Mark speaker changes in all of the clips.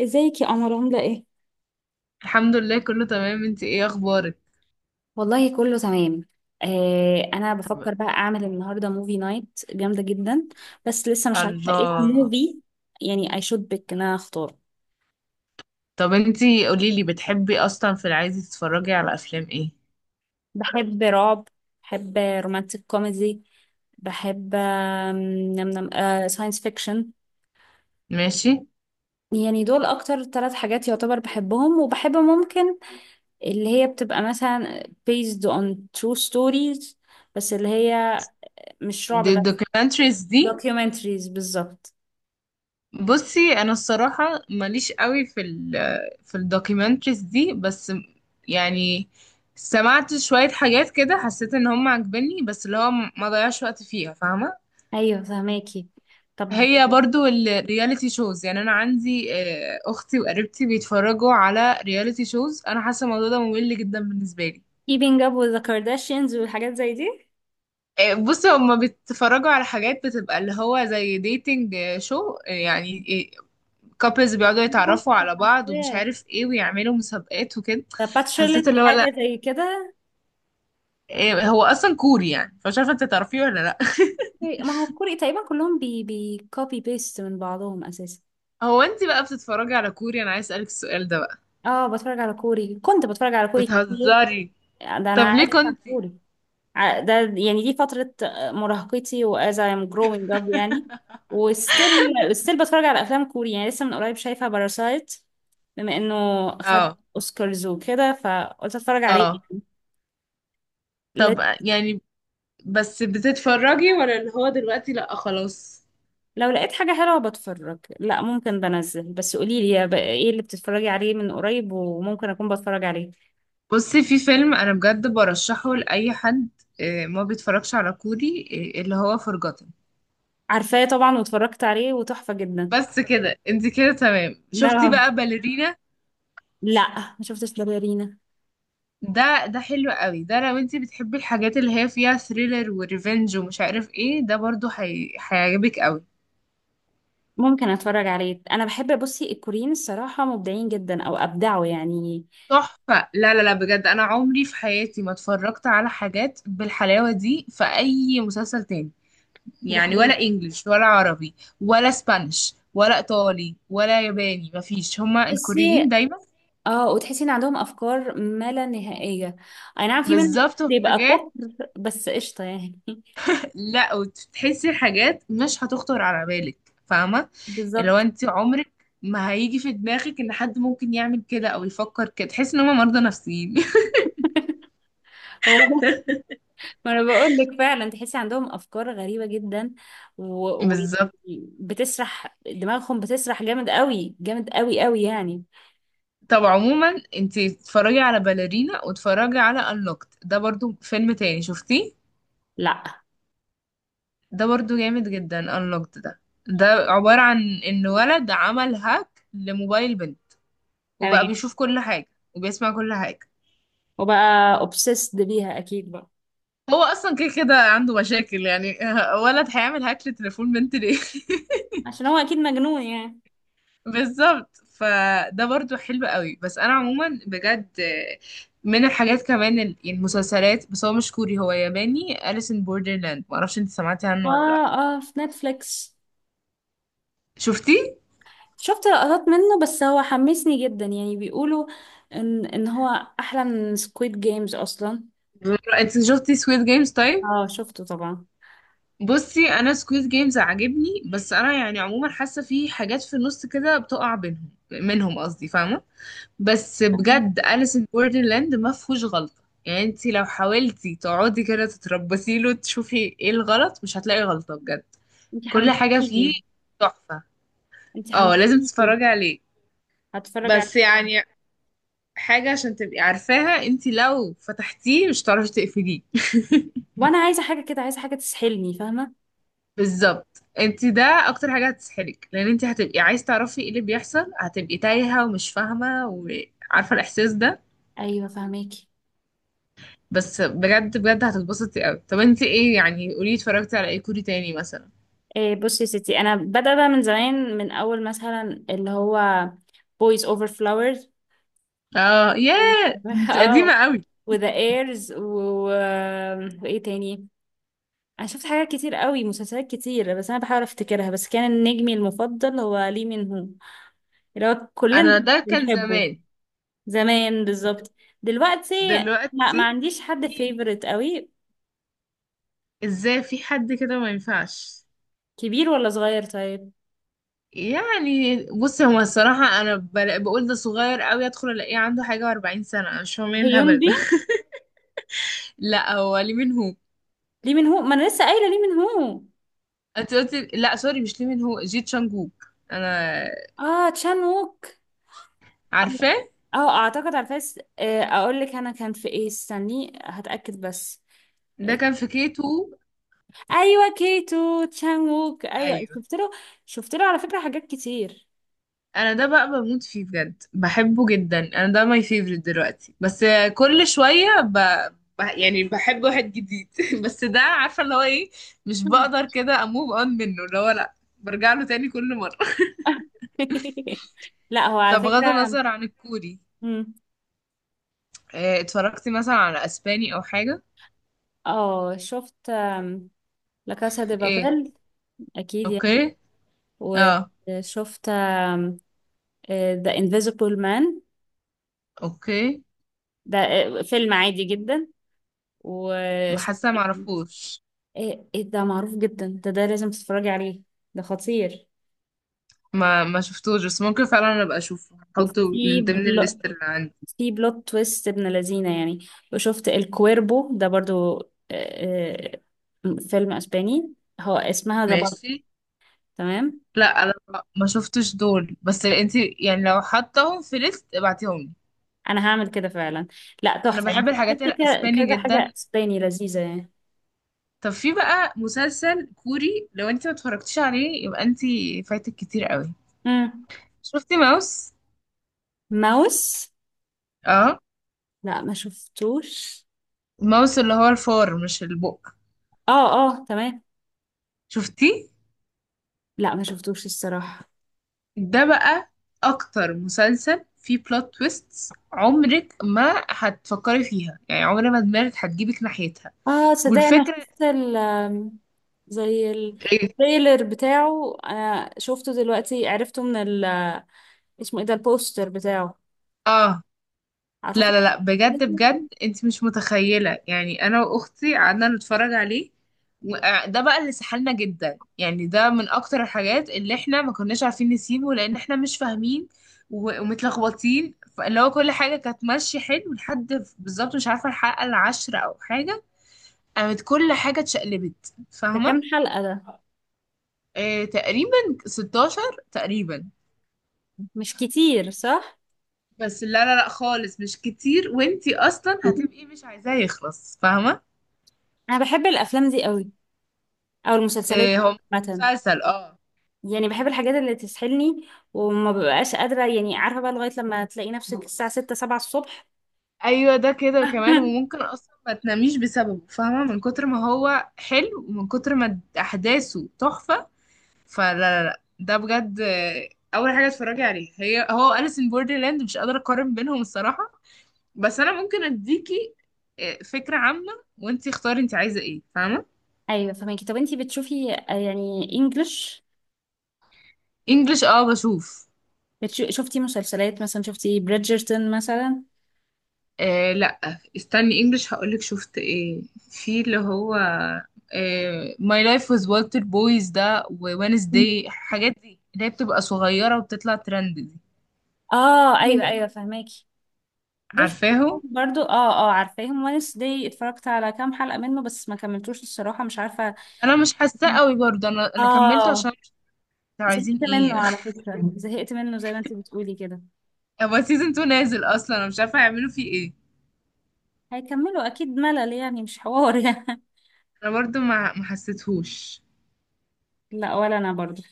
Speaker 1: ازيك يا قمر، عاملة ايه؟
Speaker 2: الحمد لله كله تمام. انتي ايه اخبارك؟
Speaker 1: والله كله تمام. انا
Speaker 2: طب.
Speaker 1: بفكر بقى اعمل النهارده موفي نايت جامده جدا، بس لسه مش عارفه ايه
Speaker 2: الله.
Speaker 1: موفي، يعني اي شود بيك ان انا اختار.
Speaker 2: طب انتي قوليلي بتحبي اصلا في العادي تتفرجي على افلام ايه؟
Speaker 1: بحب رعب، بحب رومانتك كوميدي، بحب نم نم ساينس فيكشن.
Speaker 2: ماشي.
Speaker 1: يعني دول اكتر ثلاث حاجات يعتبر بحبهم، وبحب ممكن اللي هي بتبقى مثلا based on true stories، بس اللي هي مش رعب
Speaker 2: دي
Speaker 1: بس.
Speaker 2: الدوكيومنتريز دي؟
Speaker 1: documentaries بالظبط.
Speaker 2: بصي انا الصراحة ماليش قوي في في الدوكيومنتريز دي، بس يعني سمعت شوية حاجات كده حسيت ان هم عاجبني، بس اللي هو ما ضيعش وقت فيها، فاهمة؟
Speaker 1: ايوه فهماكي، طب.
Speaker 2: هي برضو الرياليتي شوز، يعني انا عندي اختي وقريبتي بيتفرجوا على رياليتي شوز، انا حاسه الموضوع ده ممل جدا بالنسبه لي.
Speaker 1: keeping up with the Kardashians والحاجات زي دي.
Speaker 2: بصي هما بيتفرجوا على حاجات بتبقى اللي هو زي ديتنج شو يعني، كابلز بيقعدوا يتعرفوا على بعض ومش
Speaker 1: ياه،
Speaker 2: عارف ايه ويعملوا مسابقات وكده.
Speaker 1: ده باتشرلت
Speaker 2: حسيت اللي هو لا.
Speaker 1: حاجة زي كده.
Speaker 2: هو اصلا كوري يعني، فمش عارفه انت تعرفيه ولا لا.
Speaker 1: أوكي. ما هو كوري تقريبا كلهم بي بي كوبي بيست من بعضهم اساسا.
Speaker 2: هو انت بقى بتتفرجي على كوري؟ انا عايز اسالك السؤال ده بقى.
Speaker 1: اه، بتفرج على كوري، كنت بتفرج على كوري كتير،
Speaker 2: بتهزري؟
Speaker 1: ده
Speaker 2: طب
Speaker 1: انا
Speaker 2: ليه
Speaker 1: عارفة عن
Speaker 2: كنتي؟
Speaker 1: كوري. ده يعني دي فترة مراهقتي و as I'm growing up يعني، وستيل بتفرج على افلام كوري، يعني لسه من قريب شايفة باراسايت، بما انه خد
Speaker 2: اه.
Speaker 1: اوسكارز وكده فقلت اتفرج عليه.
Speaker 2: اه.
Speaker 1: لا-
Speaker 2: طب يعني بس بتتفرجي ولا اللي هو دلوقتي لأ خلاص؟
Speaker 1: لو لقيت حاجة حلوة بتفرج، لا ممكن، بنزل بس قوليلي يا بقى ايه اللي بتتفرجي عليه من قريب وممكن اكون بتفرج عليه.
Speaker 2: بصي في فيلم أنا بجد برشحه لأي حد ما بيتفرجش على كوري، اللي هو فرجتن.
Speaker 1: عارفاه طبعا واتفرجت عليه وتحفة جدا.
Speaker 2: بس كده، انت كده تمام. شفتي
Speaker 1: لا.
Speaker 2: بقى باليرينا؟
Speaker 1: لا ما شفتش، لا باليرينا.
Speaker 2: ده ده حلو قوي ده، لو انت بتحبي الحاجات اللي هي فيها ثريلر وريفنج ومش عارف ايه ده برضو هيعجبك قوي.
Speaker 1: ممكن اتفرج عليه، انا بحب. بصي الكوريين الصراحة مبدعين جدا او ابدعوا يعني.
Speaker 2: تحفة. لا لا لا بجد، انا عمري في حياتي ما اتفرجت على حاجات بالحلاوة دي في اي مسلسل تاني،
Speaker 1: ده
Speaker 2: يعني
Speaker 1: حقيقي.
Speaker 2: ولا انجليش ولا عربي ولا اسبانيش ولا ايطالي ولا ياباني، مفيش. هما الكوريين
Speaker 1: تحسي.
Speaker 2: دايما
Speaker 1: اه، وتحسي ان عندهم افكار ما لا نهائية، اي نعم في منهم
Speaker 2: بالظبط في
Speaker 1: بيبقى
Speaker 2: حاجات.
Speaker 1: كفر بس قشطة يعني.
Speaker 2: لا وتحسي حاجات مش هتخطر على بالك، فاهمه؟ اللي هو
Speaker 1: بالظبط.
Speaker 2: انت عمرك ما هيجي في دماغك ان حد ممكن يعمل كده او يفكر كده، تحس ان هما مرضى نفسيين.
Speaker 1: هو، ما انا بقول لك فعلا تحسي عندهم افكار غريبه جدا، ويعني و... ويعني
Speaker 2: بالظبط.
Speaker 1: بتسرح دماغهم، بتسرح جامد قوي، جامد قوي قوي يعني.
Speaker 2: طب عموما انت اتفرجي على باليرينا، واتفرجي على انلوكت، ده برضو فيلم تاني. شفتيه؟
Speaker 1: لا.
Speaker 2: ده برضو جامد جدا، unlocked ده. ده عبارة عن ان ولد عمل هاك لموبايل بنت،
Speaker 1: تمام.
Speaker 2: وبقى بيشوف كل حاجة وبيسمع كل حاجة.
Speaker 1: وبقى obsessed بيها اكيد بقى.
Speaker 2: هو اصلا كده كده عنده مشاكل يعني، ولد هيعمل هاك لتليفون بنت ليه؟
Speaker 1: عشان هو اكيد مجنون يعني.
Speaker 2: بالظبط. فده برضو حلو قوي. بس انا عموما بجد من الحاجات كمان المسلسلات، بس هو مش كوري، هو ياباني، أليس ان بوردرلاند. معرفش انت سمعتي عنه ولا لا.
Speaker 1: اه اه، في نتفليكس،
Speaker 2: شفتي؟
Speaker 1: شفت لقطات منه بس هو حمسني جدا يعني بيقولوا ان هو احلى من سكويد جيمز اصلا.
Speaker 2: انت شفتي سويت جيمز طيب؟
Speaker 1: اه شفته طبعا.
Speaker 2: بصي انا سكويد جيمز عاجبني، بس انا يعني عموما حاسه في حاجات في النص كده بتقع بينهم، منهم قصدي، فاهمه؟ بس
Speaker 1: فاهمة.
Speaker 2: بجد أليس ان بوردرلاند ما فيهوش غلطه، يعني انت لو حاولتي تقعدي كده تتربصي له تشوفي ايه الغلط مش هتلاقي غلطه بجد.
Speaker 1: انت
Speaker 2: كل حاجه فيه
Speaker 1: حمستيني.
Speaker 2: تحفه.
Speaker 1: انت
Speaker 2: اه لازم
Speaker 1: حمستيني.
Speaker 2: تتفرجي عليه.
Speaker 1: هتفرج
Speaker 2: بس
Speaker 1: عليه.
Speaker 2: يعني حاجه عشان تبقي عارفاها، انت لو فتحتيه مش هتعرفي تقفليه.
Speaker 1: وانا عايزه حاجه كده، عايزه حاجه تسحلني فاهمه.
Speaker 2: بالظبط. انت ده اكتر حاجه هتسحلك، لان انت هتبقي عايز تعرفي ايه اللي بيحصل، هتبقي تايهه ومش فاهمه، وعارفه الاحساس ده.
Speaker 1: ايوه فهماكي.
Speaker 2: بس بجد بجد هتتبسطي قوي. طب انت ايه يعني؟ قولي اتفرجتي على ايه كوري تاني مثلا.
Speaker 1: إيه، بصي يا ستي، انا بدأ بقى من زمان، من اول مثلا اللي هو boys over flowers
Speaker 2: اه
Speaker 1: و-
Speaker 2: ياه انت قديمه
Speaker 1: اه،
Speaker 2: قوي.
Speaker 1: وذا ايرز و... آه، وايه تاني. انا شفت حاجات كتير قوي، مسلسلات كتير بس انا بحاول افتكرها، بس كان نجمي المفضل هو لي من هو، اللي هو كلنا
Speaker 2: انا
Speaker 1: كنا
Speaker 2: ده كان
Speaker 1: بنحبه.
Speaker 2: زمان.
Speaker 1: زمان بالظبط. دلوقتي لا، ما
Speaker 2: دلوقتي
Speaker 1: عنديش حد
Speaker 2: إيه؟
Speaker 1: فيفورت قوي.
Speaker 2: ازاي في حد كده ما ينفعش،
Speaker 1: كبير ولا صغير طيب؟
Speaker 2: يعني؟ بصي هو الصراحه بقول ده صغير قوي، ادخل الاقيه عنده حاجه و40 سنه، انا مش فاهمه ايه الهبل
Speaker 1: هيومبي.
Speaker 2: ده. لا هو ليه منهم.
Speaker 1: ليه من هو، ما انا لسه قايله ليه من هو.
Speaker 2: انت قلتي لا، سوري، مش ليه من هو، جي تشانج ووك. انا
Speaker 1: اه تشان ووك. اه.
Speaker 2: عارفاه.
Speaker 1: اعتقد على الفيس، اقول لك انا كان في ايه، استني هتاكد بس.
Speaker 2: ده
Speaker 1: آه.
Speaker 2: كان في كي 2.
Speaker 1: ايوه كيتو تشان ووك، ايوه
Speaker 2: ايوه.
Speaker 1: شفت له. شفت له على فكره حاجات كتير.
Speaker 2: انا ده بقى بموت فيه بجد، بحبه جدا، انا ده ماي فيفرت دلوقتي. بس كل شويه يعني بحب واحد جديد. بس ده عارفه اللي هو ايه، مش
Speaker 1: مم.
Speaker 2: بقدر كده اموف اون منه، اللي هو لا برجع له تاني كل مره.
Speaker 1: لا هو على
Speaker 2: طب غض
Speaker 1: فكره.
Speaker 2: النظر عن الكوري،
Speaker 1: مم.
Speaker 2: إيه اتفرجتي مثلا على اسباني او حاجه؟
Speaker 1: اه، شفت لا كاسا دي
Speaker 2: ايه.
Speaker 1: بابيل اكيد يعني.
Speaker 2: اوكي. اه.
Speaker 1: وشفت The Invisible Man،
Speaker 2: اوكي.
Speaker 1: ده فيلم عادي جدا. وشفت
Speaker 2: حاسه معرفوش.
Speaker 1: ايه. إيه ده معروف جدا، ده لازم تتفرجي عليه، ده خطير.
Speaker 2: ما شفتوش، بس ممكن فعلا انا ابقى اشوفه، احطه
Speaker 1: وفي
Speaker 2: من ضمن
Speaker 1: بل...
Speaker 2: الليست اللي عندي.
Speaker 1: في بلوت تويست ابن لذينه يعني. وشفت الكويربو ده برضو، آه، فيلم اسباني، هو اسمها ذا بالت.
Speaker 2: ماشي.
Speaker 1: تمام،
Speaker 2: لا انا ما شفتش دول، بس انت يعني لو حطهم في ليست ابعتيهم لي.
Speaker 1: انا هعمل كده فعلا. لا
Speaker 2: انا
Speaker 1: تحفه
Speaker 2: بحب
Speaker 1: يعني،
Speaker 2: الحاجات
Speaker 1: شفت
Speaker 2: الاسباني
Speaker 1: كذا حاجه
Speaker 2: جدا.
Speaker 1: اسباني لذيذه يعني.
Speaker 2: طب في بقى مسلسل كوري لو انت ما اتفرجتيش عليه يبقى انت فايتك كتير قوي.
Speaker 1: مم.
Speaker 2: شفتي ماوس؟
Speaker 1: ماوس.
Speaker 2: اه.
Speaker 1: لا ما شفتوش.
Speaker 2: ماوس اللي هو الفار مش البق.
Speaker 1: اه اه تمام.
Speaker 2: شفتيه؟
Speaker 1: لا ما شفتوش الصراحه.
Speaker 2: ده بقى اكتر مسلسل فيه بلوت تويستس عمرك ما هتفكري فيها، يعني عمر ما دماغك هتجيبك ناحيتها.
Speaker 1: اه صدق، انا
Speaker 2: والفكرة
Speaker 1: شفت ال، زي
Speaker 2: ايه.
Speaker 1: التريلر بتاعه، انا شفته دلوقتي عرفته من ال، اسمه ايه ده البوستر بتاعه،
Speaker 2: اه لا
Speaker 1: اعتقد.
Speaker 2: لا لا بجد بجد، انت مش متخيلة، يعني انا واختي قعدنا نتفرج عليه، وده بقى اللي سحلنا جدا، يعني ده من اكتر الحاجات اللي احنا ما كناش عارفين نسيبه لان احنا مش فاهمين ومتلخبطين. فاللي هو كل حاجة كانت ماشية حلو لحد بالظبط مش عارفة الحلقة العاشرة او حاجة، قامت كل حاجة اتشقلبت،
Speaker 1: ده
Speaker 2: فاهمة؟
Speaker 1: كام حلقة ده؟
Speaker 2: آه تقريبا 16 تقريبا.
Speaker 1: مش كتير صح؟
Speaker 2: بس لا لا لا خالص مش كتير، وانتي اصلا هتبقي إيه؟ مش عايزاه يخلص، فاهمة؟
Speaker 1: انا بحب الافلام دي قوي، او المسلسلات
Speaker 2: آه هو
Speaker 1: عامة،
Speaker 2: مسلسل اه.
Speaker 1: يعني بحب الحاجات اللي تسحلني، وما ببقاش قادرة، يعني عارفة بقى لغاية لما تلاقي نفسك الساعة 6 7 الصبح.
Speaker 2: ايوه ده كده كمان، وممكن اصلا ما تناميش بسببه، فاهمة؟ من كتر ما هو حلو ومن كتر ما احداثه تحفة. فلا لا لا ده بجد. اول حاجة اتفرجي عليه هي هو أليس ان بوردرلاند، مش قادرة اقارن بينهم الصراحة. بس انا ممكن اديكي فكرة عامة، وانتي اختاري انتي عايزة ايه، فاهمة؟
Speaker 1: ايوه فماكي، طب انتي بتشوفي يعني انجلش،
Speaker 2: انجلش اه بشوف.
Speaker 1: شفتي مسلسلات مثلا؟ شفتي بريدجرتون مثلا؟
Speaker 2: آه لا استني، انجلش هقولك شفت ايه. في اللي هو My Life with Walter Boys ده، ووينزداي، الحاجات دي اللي هي بتبقى صغيرة وبتطلع ترند دي.
Speaker 1: اه ايوه ايوه فهماكي، دول شفتهم
Speaker 2: عارفاهم.
Speaker 1: برضو، اه اه عارفاهم، ونس دي اتفرجت على كام حلقة منه بس ما كملتوش الصراحة، مش عارفة.
Speaker 2: انا مش حاساه قوي برضه انا كملته
Speaker 1: اه
Speaker 2: عشان مش عارفة عايزين
Speaker 1: زهقت
Speaker 2: ايه.
Speaker 1: منه على فكرة، زهقت منه زي ما انت بتقولي كده.
Speaker 2: هو سيزون 2 نازل اصلا، انا مش عارفه هيعملوا فيه ايه.
Speaker 1: هيكملوا اكيد، ملل يعني مش حوار يعني.
Speaker 2: انا برضه ما حسيتهوش.
Speaker 1: لا ولا انا برضو.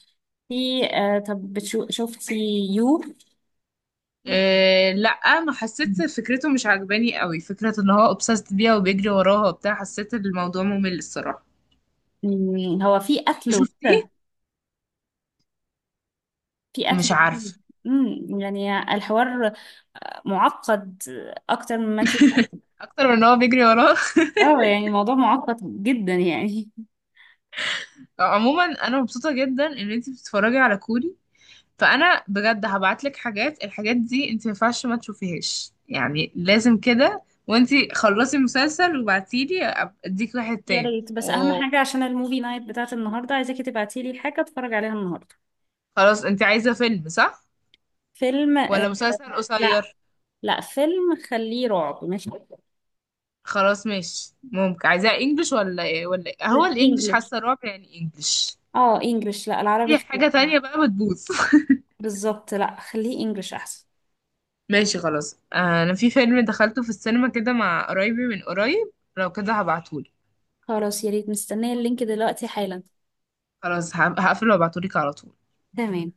Speaker 1: في طب، شفتي يو؟
Speaker 2: إيه لا ما حسيت، فكرته مش عجباني قوي، فكرة ان هو obsessed بيها وبيجري وراها وبتاع، حسيت ان الموضوع ممل الصراحة.
Speaker 1: مم، هو في قتل
Speaker 2: شفتيه؟
Speaker 1: وكده؟ في قتل
Speaker 2: مش
Speaker 1: وكده.
Speaker 2: عارفة.
Speaker 1: يعني الحوار معقد اكتر مما انت.
Speaker 2: اكتر من ان هو بيجري وراها.
Speaker 1: اه يعني الموضوع معقد جدا يعني.
Speaker 2: عموما انا مبسوطة جدا ان انتي بتتفرجي على كوري، فانا بجد هبعتلك حاجات. الحاجات دي انتي ما ينفعش ما تشوفيهاش، يعني لازم كده، وانتي خلصي مسلسل وبعتيلي اديك واحد
Speaker 1: يا
Speaker 2: تاني
Speaker 1: ريت، بس اهم
Speaker 2: وخلاص.
Speaker 1: حاجه عشان الموفي نايت بتاعت النهارده، عايزاكي تبعتي لي حاجه اتفرج عليها النهارده.
Speaker 2: انتي عايزة فيلم صح
Speaker 1: فيلم،
Speaker 2: ولا مسلسل
Speaker 1: لا،
Speaker 2: قصير؟
Speaker 1: لا فيلم، خليه رعب ماشي.
Speaker 2: خلاص ماشي. ممكن عايزاها انجلش ولا ايه ولا ايه؟ هو
Speaker 1: لا
Speaker 2: الانجلش
Speaker 1: انجلش.
Speaker 2: حاسه رعب يعني، انجلش.
Speaker 1: اه انجلش، لا العربي
Speaker 2: اي حاجه
Speaker 1: خليه،
Speaker 2: تانية بقى بتبوظ.
Speaker 1: بالظبط لا خليه انجلش احسن.
Speaker 2: ماشي خلاص. انا في فيلم دخلته في السينما كده مع قرايبي من قريب، لو كده هبعتهولي.
Speaker 1: خلاص يا ريت، مستنيه اللينك دلوقتي حالا.
Speaker 2: خلاص هقفل وابعتهولك على طول.
Speaker 1: تمام.